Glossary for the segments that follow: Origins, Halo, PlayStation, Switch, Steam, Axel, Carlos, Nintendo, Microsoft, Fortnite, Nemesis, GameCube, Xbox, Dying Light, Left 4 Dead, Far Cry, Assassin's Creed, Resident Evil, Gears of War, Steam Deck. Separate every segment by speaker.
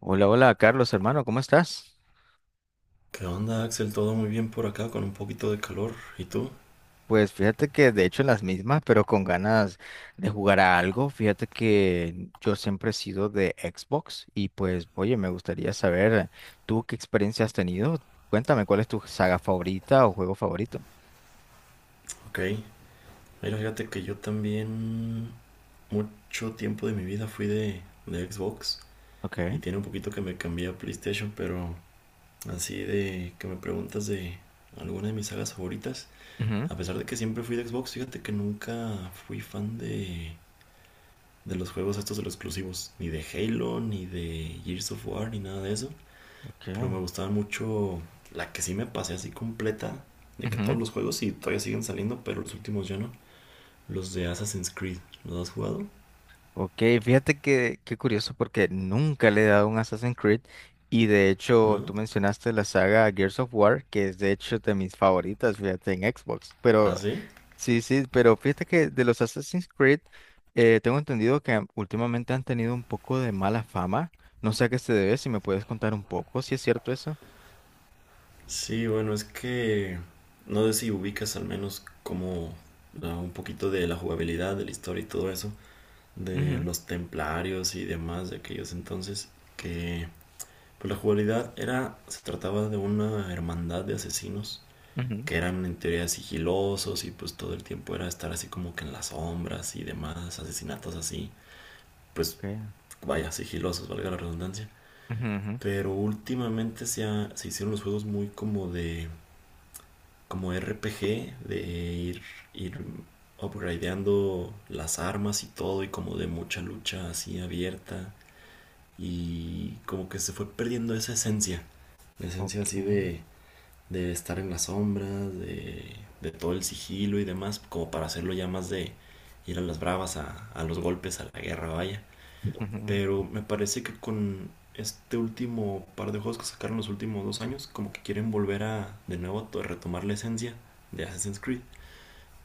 Speaker 1: Hola, hola, Carlos, hermano, ¿cómo estás?
Speaker 2: ¿Qué onda, Axel? Todo muy bien por acá, con un poquito de calor. ¿Y tú?
Speaker 1: Pues fíjate que de hecho en las mismas, pero con ganas de jugar a algo. Fíjate que yo siempre he sido de Xbox y pues, oye, me gustaría saber tú qué experiencia has tenido. Cuéntame, ¿cuál es tu saga favorita o juego favorito?
Speaker 2: Ok. Mira, fíjate que yo también mucho tiempo de mi vida fui de Xbox
Speaker 1: Ok.
Speaker 2: y tiene un poquito que me cambié a PlayStation, pero así de que me preguntas de alguna de mis sagas favoritas,
Speaker 1: Ujú.
Speaker 2: a pesar de que siempre fui de Xbox, fíjate que nunca fui fan de los juegos estos de los exclusivos, ni de Halo, ni de Gears of War, ni nada de eso. Pero me
Speaker 1: Ok.
Speaker 2: gustaba mucho la que sí me pasé así completa. De que todos
Speaker 1: Ujú.
Speaker 2: los juegos sí todavía siguen saliendo, pero los últimos ya no. Los de Assassin's Creed. ¿Los has jugado?
Speaker 1: Ok, fíjate que qué curioso porque nunca le he dado un Assassin's Creed y de hecho
Speaker 2: ¿No?
Speaker 1: tú mencionaste la saga Gears of War, que es de hecho de mis favoritas, fíjate, en Xbox. Pero
Speaker 2: ¿Ah, sí?
Speaker 1: Sí, sí, pero fíjate que de los Assassin's Creed, tengo entendido que últimamente han tenido un poco de mala fama. No sé a qué se debe, si me puedes contar un poco, si es cierto eso.
Speaker 2: Sí, bueno, es que no sé si ubicas al menos como un poquito de la jugabilidad, de la historia y todo eso, de
Speaker 1: Ujú,
Speaker 2: los templarios y demás de aquellos entonces, que pues la jugabilidad era, se trataba de una hermandad de asesinos
Speaker 1: ujú.
Speaker 2: que eran en teoría sigilosos y pues todo el tiempo era estar así como que en las sombras y demás, asesinatos así, pues
Speaker 1: Okay.
Speaker 2: vaya, sigilosos, valga la redundancia.
Speaker 1: Ujú, ujú.
Speaker 2: Pero últimamente se hicieron los juegos muy como de, como RPG, de ir, ir upgradeando las armas y todo y como de mucha lucha así abierta y como que se fue perdiendo esa esencia, la esencia así
Speaker 1: Okay.
Speaker 2: de estar en las sombras, de todo el sigilo y demás, como para hacerlo ya más de ir a las bravas, a los golpes, a la guerra, vaya.
Speaker 1: Ujú.
Speaker 2: Pero me parece que con este último par de juegos que sacaron los últimos dos años, como que quieren volver a de nuevo a retomar la esencia de Assassin's Creed.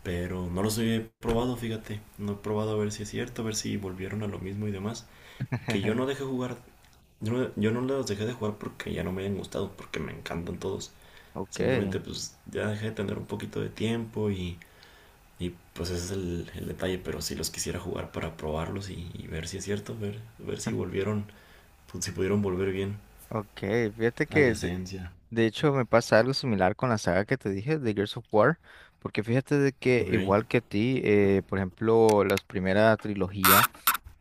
Speaker 2: Pero no los he probado, fíjate. No he probado a ver si es cierto, a ver si volvieron a lo mismo y demás. Que yo no dejé jugar, yo no los dejé de jugar porque ya no me hayan gustado, porque me encantan todos.
Speaker 1: Okay.
Speaker 2: Simplemente pues ya dejé de tener un poquito de tiempo y pues ese es el detalle, pero si los quisiera jugar para probarlos y ver si es cierto, ver si volvieron, pues, si pudieron volver bien
Speaker 1: Ok, fíjate
Speaker 2: a la
Speaker 1: que
Speaker 2: esencia.
Speaker 1: de hecho me pasa algo similar con la saga que te dije de Gears of War, porque fíjate de que
Speaker 2: Ok.
Speaker 1: igual que a ti, por ejemplo, las primeras trilogía.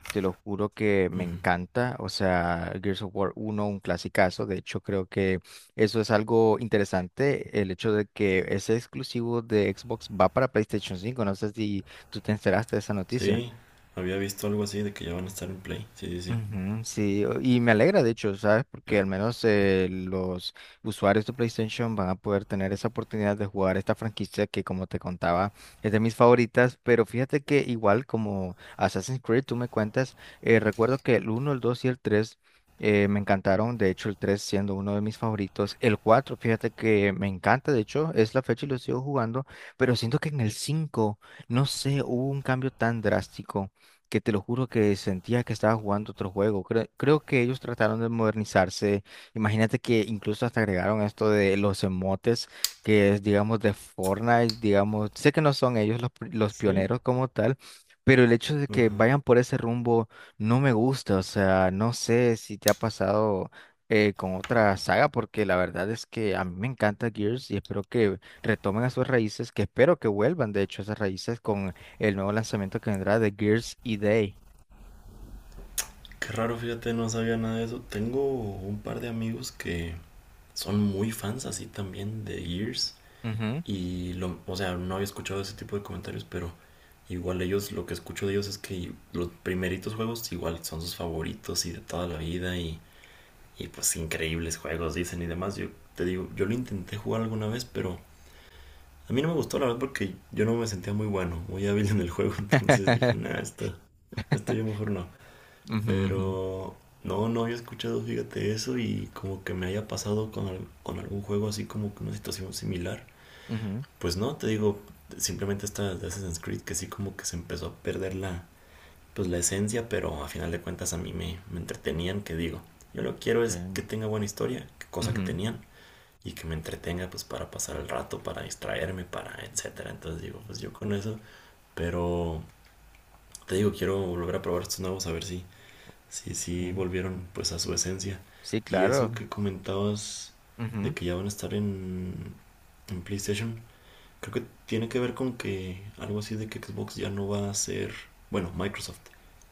Speaker 1: Te lo juro que me
Speaker 2: Ujú.
Speaker 1: encanta, o sea, Gears of War uno, un clasicazo, de hecho creo que eso es algo interesante, el hecho de que ese exclusivo de Xbox va para PlayStation 5. No sé si tú te enteraste de esa noticia.
Speaker 2: Sí, había visto algo así de que ya van a estar en Play. Sí, sí, sí.
Speaker 1: Ujú, sí, y me alegra de hecho, ¿sabes? Porque
Speaker 2: Eh,
Speaker 1: al menos los usuarios de PlayStation van a poder tener esa oportunidad de jugar esta franquicia que, como te contaba, es de mis favoritas, pero fíjate que igual como Assassin's Creed, tú me cuentas. Recuerdo que el uno, el 2 y el 3 me encantaron, de hecho el 3 siendo uno de mis favoritos. El 4, fíjate que me encanta, de hecho es la fecha y lo sigo jugando, pero siento que en el cinco, no sé, hubo un cambio tan drástico que te lo juro que sentía que estaba jugando otro juego. Creo que ellos trataron de modernizarse. Imagínate que incluso hasta agregaron esto de los emotes, que es, digamos, de Fortnite, digamos, sé que no son ellos los
Speaker 2: ¿sí?
Speaker 1: pioneros como tal. Pero el hecho de que
Speaker 2: Ajá.
Speaker 1: vayan por ese rumbo no me gusta, o sea, no sé si te ha pasado con otra saga, porque la verdad es que a mí me encanta Gears y espero que retomen a sus raíces, que espero que vuelvan, de hecho, a esas raíces con el nuevo lanzamiento que vendrá de Gears y Day.
Speaker 2: Qué raro, fíjate, no sabía nada de eso. Tengo un par de amigos que son muy fans así también de Gears.
Speaker 1: Ujú.
Speaker 2: O sea, no había escuchado ese tipo de comentarios, pero igual ellos, lo que escucho de ellos es que los primeritos juegos igual son sus favoritos y de toda la vida y pues increíbles juegos dicen y demás. Yo te digo, yo lo intenté jugar alguna vez, pero a mí no me gustó la verdad porque yo no me sentía muy bueno, muy hábil en el juego, entonces dije, nah, esto yo mejor no.
Speaker 1: Ujú, ujú,
Speaker 2: Pero no, no había escuchado, fíjate eso y como que me haya pasado con algún juego así como que una situación similar.
Speaker 1: ujú.
Speaker 2: Pues no, te digo, simplemente esta de Assassin's Creed que sí como que se empezó a perder pues la esencia, pero a final de cuentas a me entretenían, que digo, yo lo que quiero es
Speaker 1: Okay.
Speaker 2: que tenga buena historia, que cosa que
Speaker 1: Ujú.
Speaker 2: tenían, y que me entretenga pues para pasar el rato, para distraerme, para etcétera. Entonces digo, pues yo con eso, pero te digo, quiero volver a probar estos nuevos a ver si
Speaker 1: Okay.
Speaker 2: volvieron pues a su esencia.
Speaker 1: Sí,
Speaker 2: Y eso
Speaker 1: claro.
Speaker 2: que comentabas
Speaker 1: Ujú,
Speaker 2: de que ya van a estar en PlayStation. Creo que tiene que ver con que algo así de que Xbox ya no va a ser, bueno, Microsoft,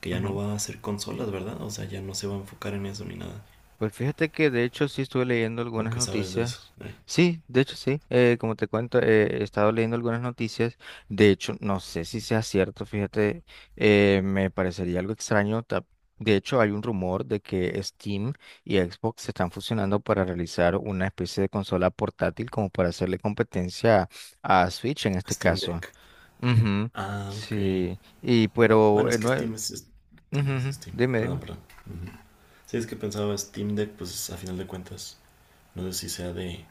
Speaker 2: que ya no
Speaker 1: ujú.
Speaker 2: va a hacer consolas, ¿verdad? O sea, ya no se va a enfocar en eso ni nada.
Speaker 1: Pues fíjate que de hecho sí estuve leyendo
Speaker 2: ¿O
Speaker 1: algunas
Speaker 2: qué sabes de eso?
Speaker 1: noticias. Sí, de hecho sí. Como te cuento, he estado leyendo algunas noticias. De hecho, no sé si sea cierto, fíjate, me parecería algo extraño. De hecho, hay un rumor de que Steam y Xbox se están fusionando para realizar una especie de consola portátil como para hacerle competencia a Switch en este
Speaker 2: Steam
Speaker 1: caso.
Speaker 2: Deck.
Speaker 1: Ujú.
Speaker 2: Ah, ok.
Speaker 1: Sí, y pero
Speaker 2: Bueno, es que
Speaker 1: no,
Speaker 2: Steam,
Speaker 1: ujú,
Speaker 2: es
Speaker 1: ujú.
Speaker 2: Steam.
Speaker 1: Dime,
Speaker 2: Perdón,
Speaker 1: dime.
Speaker 2: perdón. Ujú. Sí, es que pensaba Steam Deck, pues a final de cuentas, no sé si sea de,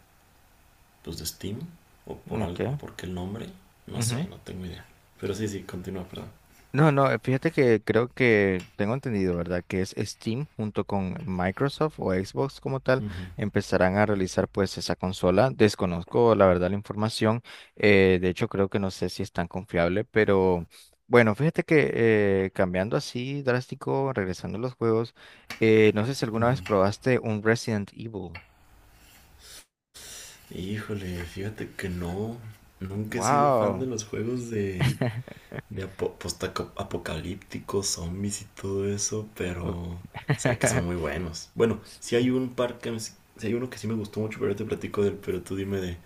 Speaker 2: pues, de Steam o por algo, o
Speaker 1: Okay.
Speaker 2: por qué el nombre, no sé, no tengo idea. Pero sí, sí, continúa, perdón.
Speaker 1: No, no, fíjate que creo que tengo entendido, ¿verdad? Que es Steam junto con Microsoft o Xbox como tal,
Speaker 2: Ujú,
Speaker 1: empezarán a realizar pues esa consola. Desconozco la verdad la información, de hecho creo que no sé si es tan confiable, pero bueno, fíjate que cambiando así drástico, regresando a los juegos, no sé si alguna vez
Speaker 2: ujú.
Speaker 1: probaste un Resident Evil.
Speaker 2: Híjole, fíjate que no. Nunca he sido fan de
Speaker 1: Wow.
Speaker 2: los juegos de, de apo- postaco- apocalípticos, zombies y todo eso, pero sé que son muy buenos. Bueno, si hay un par que sí hay uno que sí me gustó mucho, pero ahorita te platico del, pero tú dime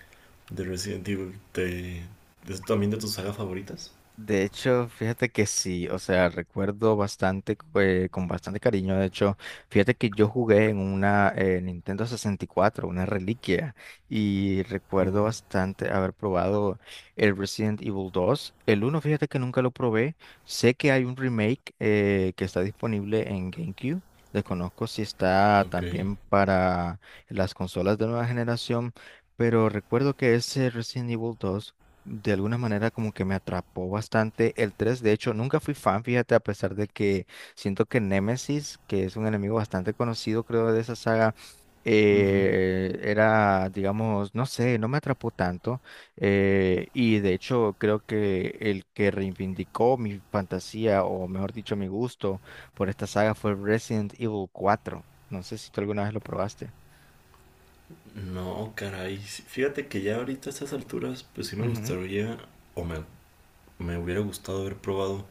Speaker 2: de Resident Evil, ¿de es también de tus sagas favoritas?
Speaker 1: De hecho, fíjate que sí, o sea, recuerdo bastante, con bastante cariño, de hecho, fíjate que yo jugué en una Nintendo 64, una reliquia, y recuerdo
Speaker 2: Oh,
Speaker 1: bastante haber probado el Resident Evil 2. El uno, fíjate que nunca lo probé, sé que hay un remake que está disponible en GameCube, desconozco si está
Speaker 2: ok.
Speaker 1: también para las consolas de nueva generación, pero recuerdo que ese Resident Evil 2 de alguna manera como que me atrapó bastante. El tres, de hecho, nunca fui fan, fíjate, a pesar de que siento que Nemesis, que es un enemigo bastante conocido, creo, de esa saga,
Speaker 2: Ujú.
Speaker 1: era, digamos, no sé, no me atrapó tanto. Y de hecho, creo que el que reivindicó mi fantasía, o mejor dicho, mi gusto por esta saga fue Resident Evil 4. No sé si tú alguna vez lo probaste.
Speaker 2: No, caray. Sí, fíjate que ya ahorita a estas alturas, pues sí me gustaría, o me, me hubiera gustado haber probado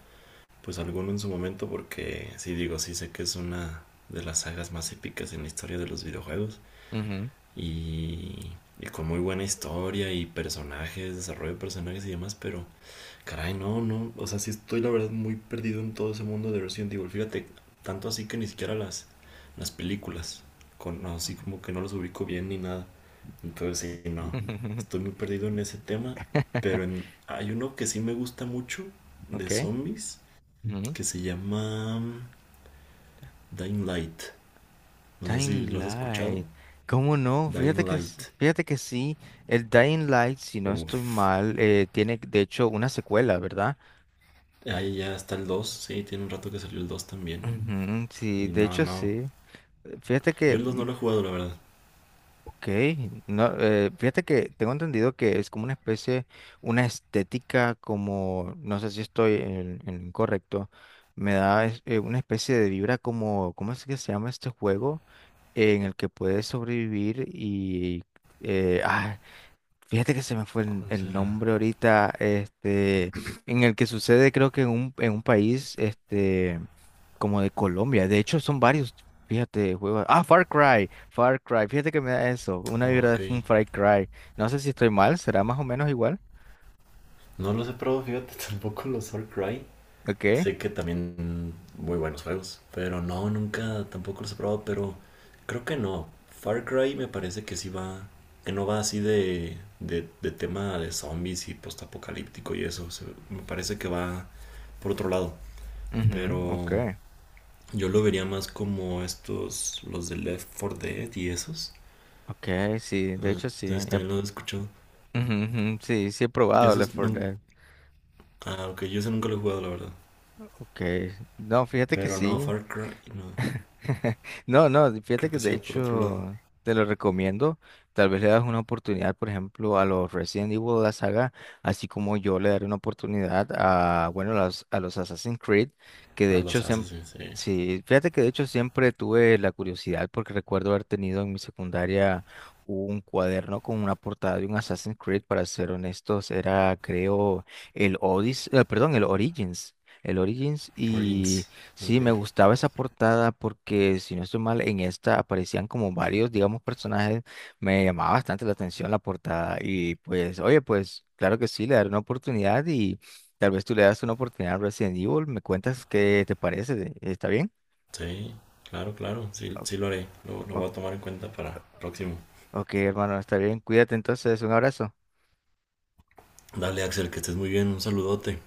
Speaker 2: pues alguno en su momento porque sí digo, sí sé que es una de las sagas más épicas en la historia de los videojuegos
Speaker 1: Ujú, ujú.
Speaker 2: y, y con muy buena historia y personajes, desarrollo de personajes y demás, pero caray, no, no, o sea, sí estoy la verdad muy perdido en todo ese mundo de Resident Evil, fíjate, tanto así que ni siquiera las películas, con, no, así como que no los ubico bien ni nada, entonces sí, no, estoy muy perdido en ese tema, pero en, hay uno que sí me gusta mucho de
Speaker 1: Ok.
Speaker 2: zombies que se llama Dying Light. No sé si
Speaker 1: Dying
Speaker 2: lo has escuchado.
Speaker 1: Light. ¿Cómo no?
Speaker 2: Dying
Speaker 1: Fíjate que,
Speaker 2: Light.
Speaker 1: fíjate que sí, el Dying Light, si no estoy
Speaker 2: Uf.
Speaker 1: mal, tiene de hecho una secuela, ¿verdad?
Speaker 2: Ahí ya está el dos. Sí, tiene un rato que salió el 2 también.
Speaker 1: Ujú,
Speaker 2: Y
Speaker 1: sí, de
Speaker 2: no,
Speaker 1: hecho
Speaker 2: no.
Speaker 1: sí. Fíjate
Speaker 2: Yo
Speaker 1: que,
Speaker 2: el 2 no lo he jugado, la verdad.
Speaker 1: ok, no, fíjate que tengo entendido que es como una especie, una estética como, no sé si estoy en lo incorrecto, me da una especie de vibra como, ¿cómo es que se llama este juego? En el que puedes sobrevivir y eh, ah, fíjate que se me fue el,
Speaker 2: ¿Cuál
Speaker 1: el
Speaker 2: será?
Speaker 1: nombre ahorita, en el que sucede creo que en en un país, como de Colombia. De hecho, son varios, fíjate, juegos. Ah, Far Cry, Far Cry, fíjate que me da eso, una vibra
Speaker 2: Ok.
Speaker 1: de un Far Cry. No sé si estoy mal, será más o menos igual.
Speaker 2: No los he probado, fíjate, tampoco los All Cry.
Speaker 1: Ok.
Speaker 2: Sé que también muy buenos juegos, pero no, nunca tampoco los he probado, pero creo que no. Far Cry me parece que sí va, que no va así de tema de zombies y postapocalíptico y eso. Me parece que va por otro lado,
Speaker 1: Mhm.
Speaker 2: pero
Speaker 1: Ok,
Speaker 2: yo lo vería más como estos, los de Left 4 Dead y esos.
Speaker 1: ok, sí,
Speaker 2: No
Speaker 1: de
Speaker 2: no
Speaker 1: hecho sí.
Speaker 2: sé si también lo he escuchado.
Speaker 1: Ujú, ujú, sí, sí he
Speaker 2: Y
Speaker 1: probado Left
Speaker 2: esos
Speaker 1: 4
Speaker 2: no,
Speaker 1: Dead.
Speaker 2: ah, ok, yo ese nunca lo he jugado, la verdad.
Speaker 1: Ok, no, fíjate que
Speaker 2: Pero no,
Speaker 1: sí.
Speaker 2: Far Cry, no.
Speaker 1: No, no, fíjate
Speaker 2: Creo
Speaker 1: que
Speaker 2: que sí
Speaker 1: de
Speaker 2: va por otro lado.
Speaker 1: hecho te lo recomiendo. Tal vez le das una oportunidad, por ejemplo, a los Resident Evil de la saga, así como yo le daré una oportunidad a, bueno, a los Assassin's Creed, que de
Speaker 2: A
Speaker 1: hecho
Speaker 2: los
Speaker 1: siempre,
Speaker 2: Assassins, sí.
Speaker 1: sí, fíjate que de hecho siempre tuve la curiosidad porque recuerdo haber tenido en mi secundaria un cuaderno con una portada de un Assassin's Creed. Para ser honestos, era creo el Odyssey, perdón, el Origins, el Origins.
Speaker 2: Origins.
Speaker 1: Sí, me
Speaker 2: Ok.
Speaker 1: gustaba esa portada porque, si no estoy mal, en esta aparecían como varios, digamos, personajes. Me llamaba bastante la atención la portada y pues, oye, pues claro que sí, le daré una oportunidad y tal vez tú le das una oportunidad a Resident Evil. ¿Me cuentas qué te parece? ¿Está bien?
Speaker 2: Sí, claro, claro. Sí,
Speaker 1: O-
Speaker 2: sí lo haré. Lo
Speaker 1: o-
Speaker 2: voy a tomar en cuenta para el próximo.
Speaker 1: ok, hermano, está bien. Cuídate entonces. Un abrazo.
Speaker 2: Dale, Axel, que estés muy bien. Un saludote.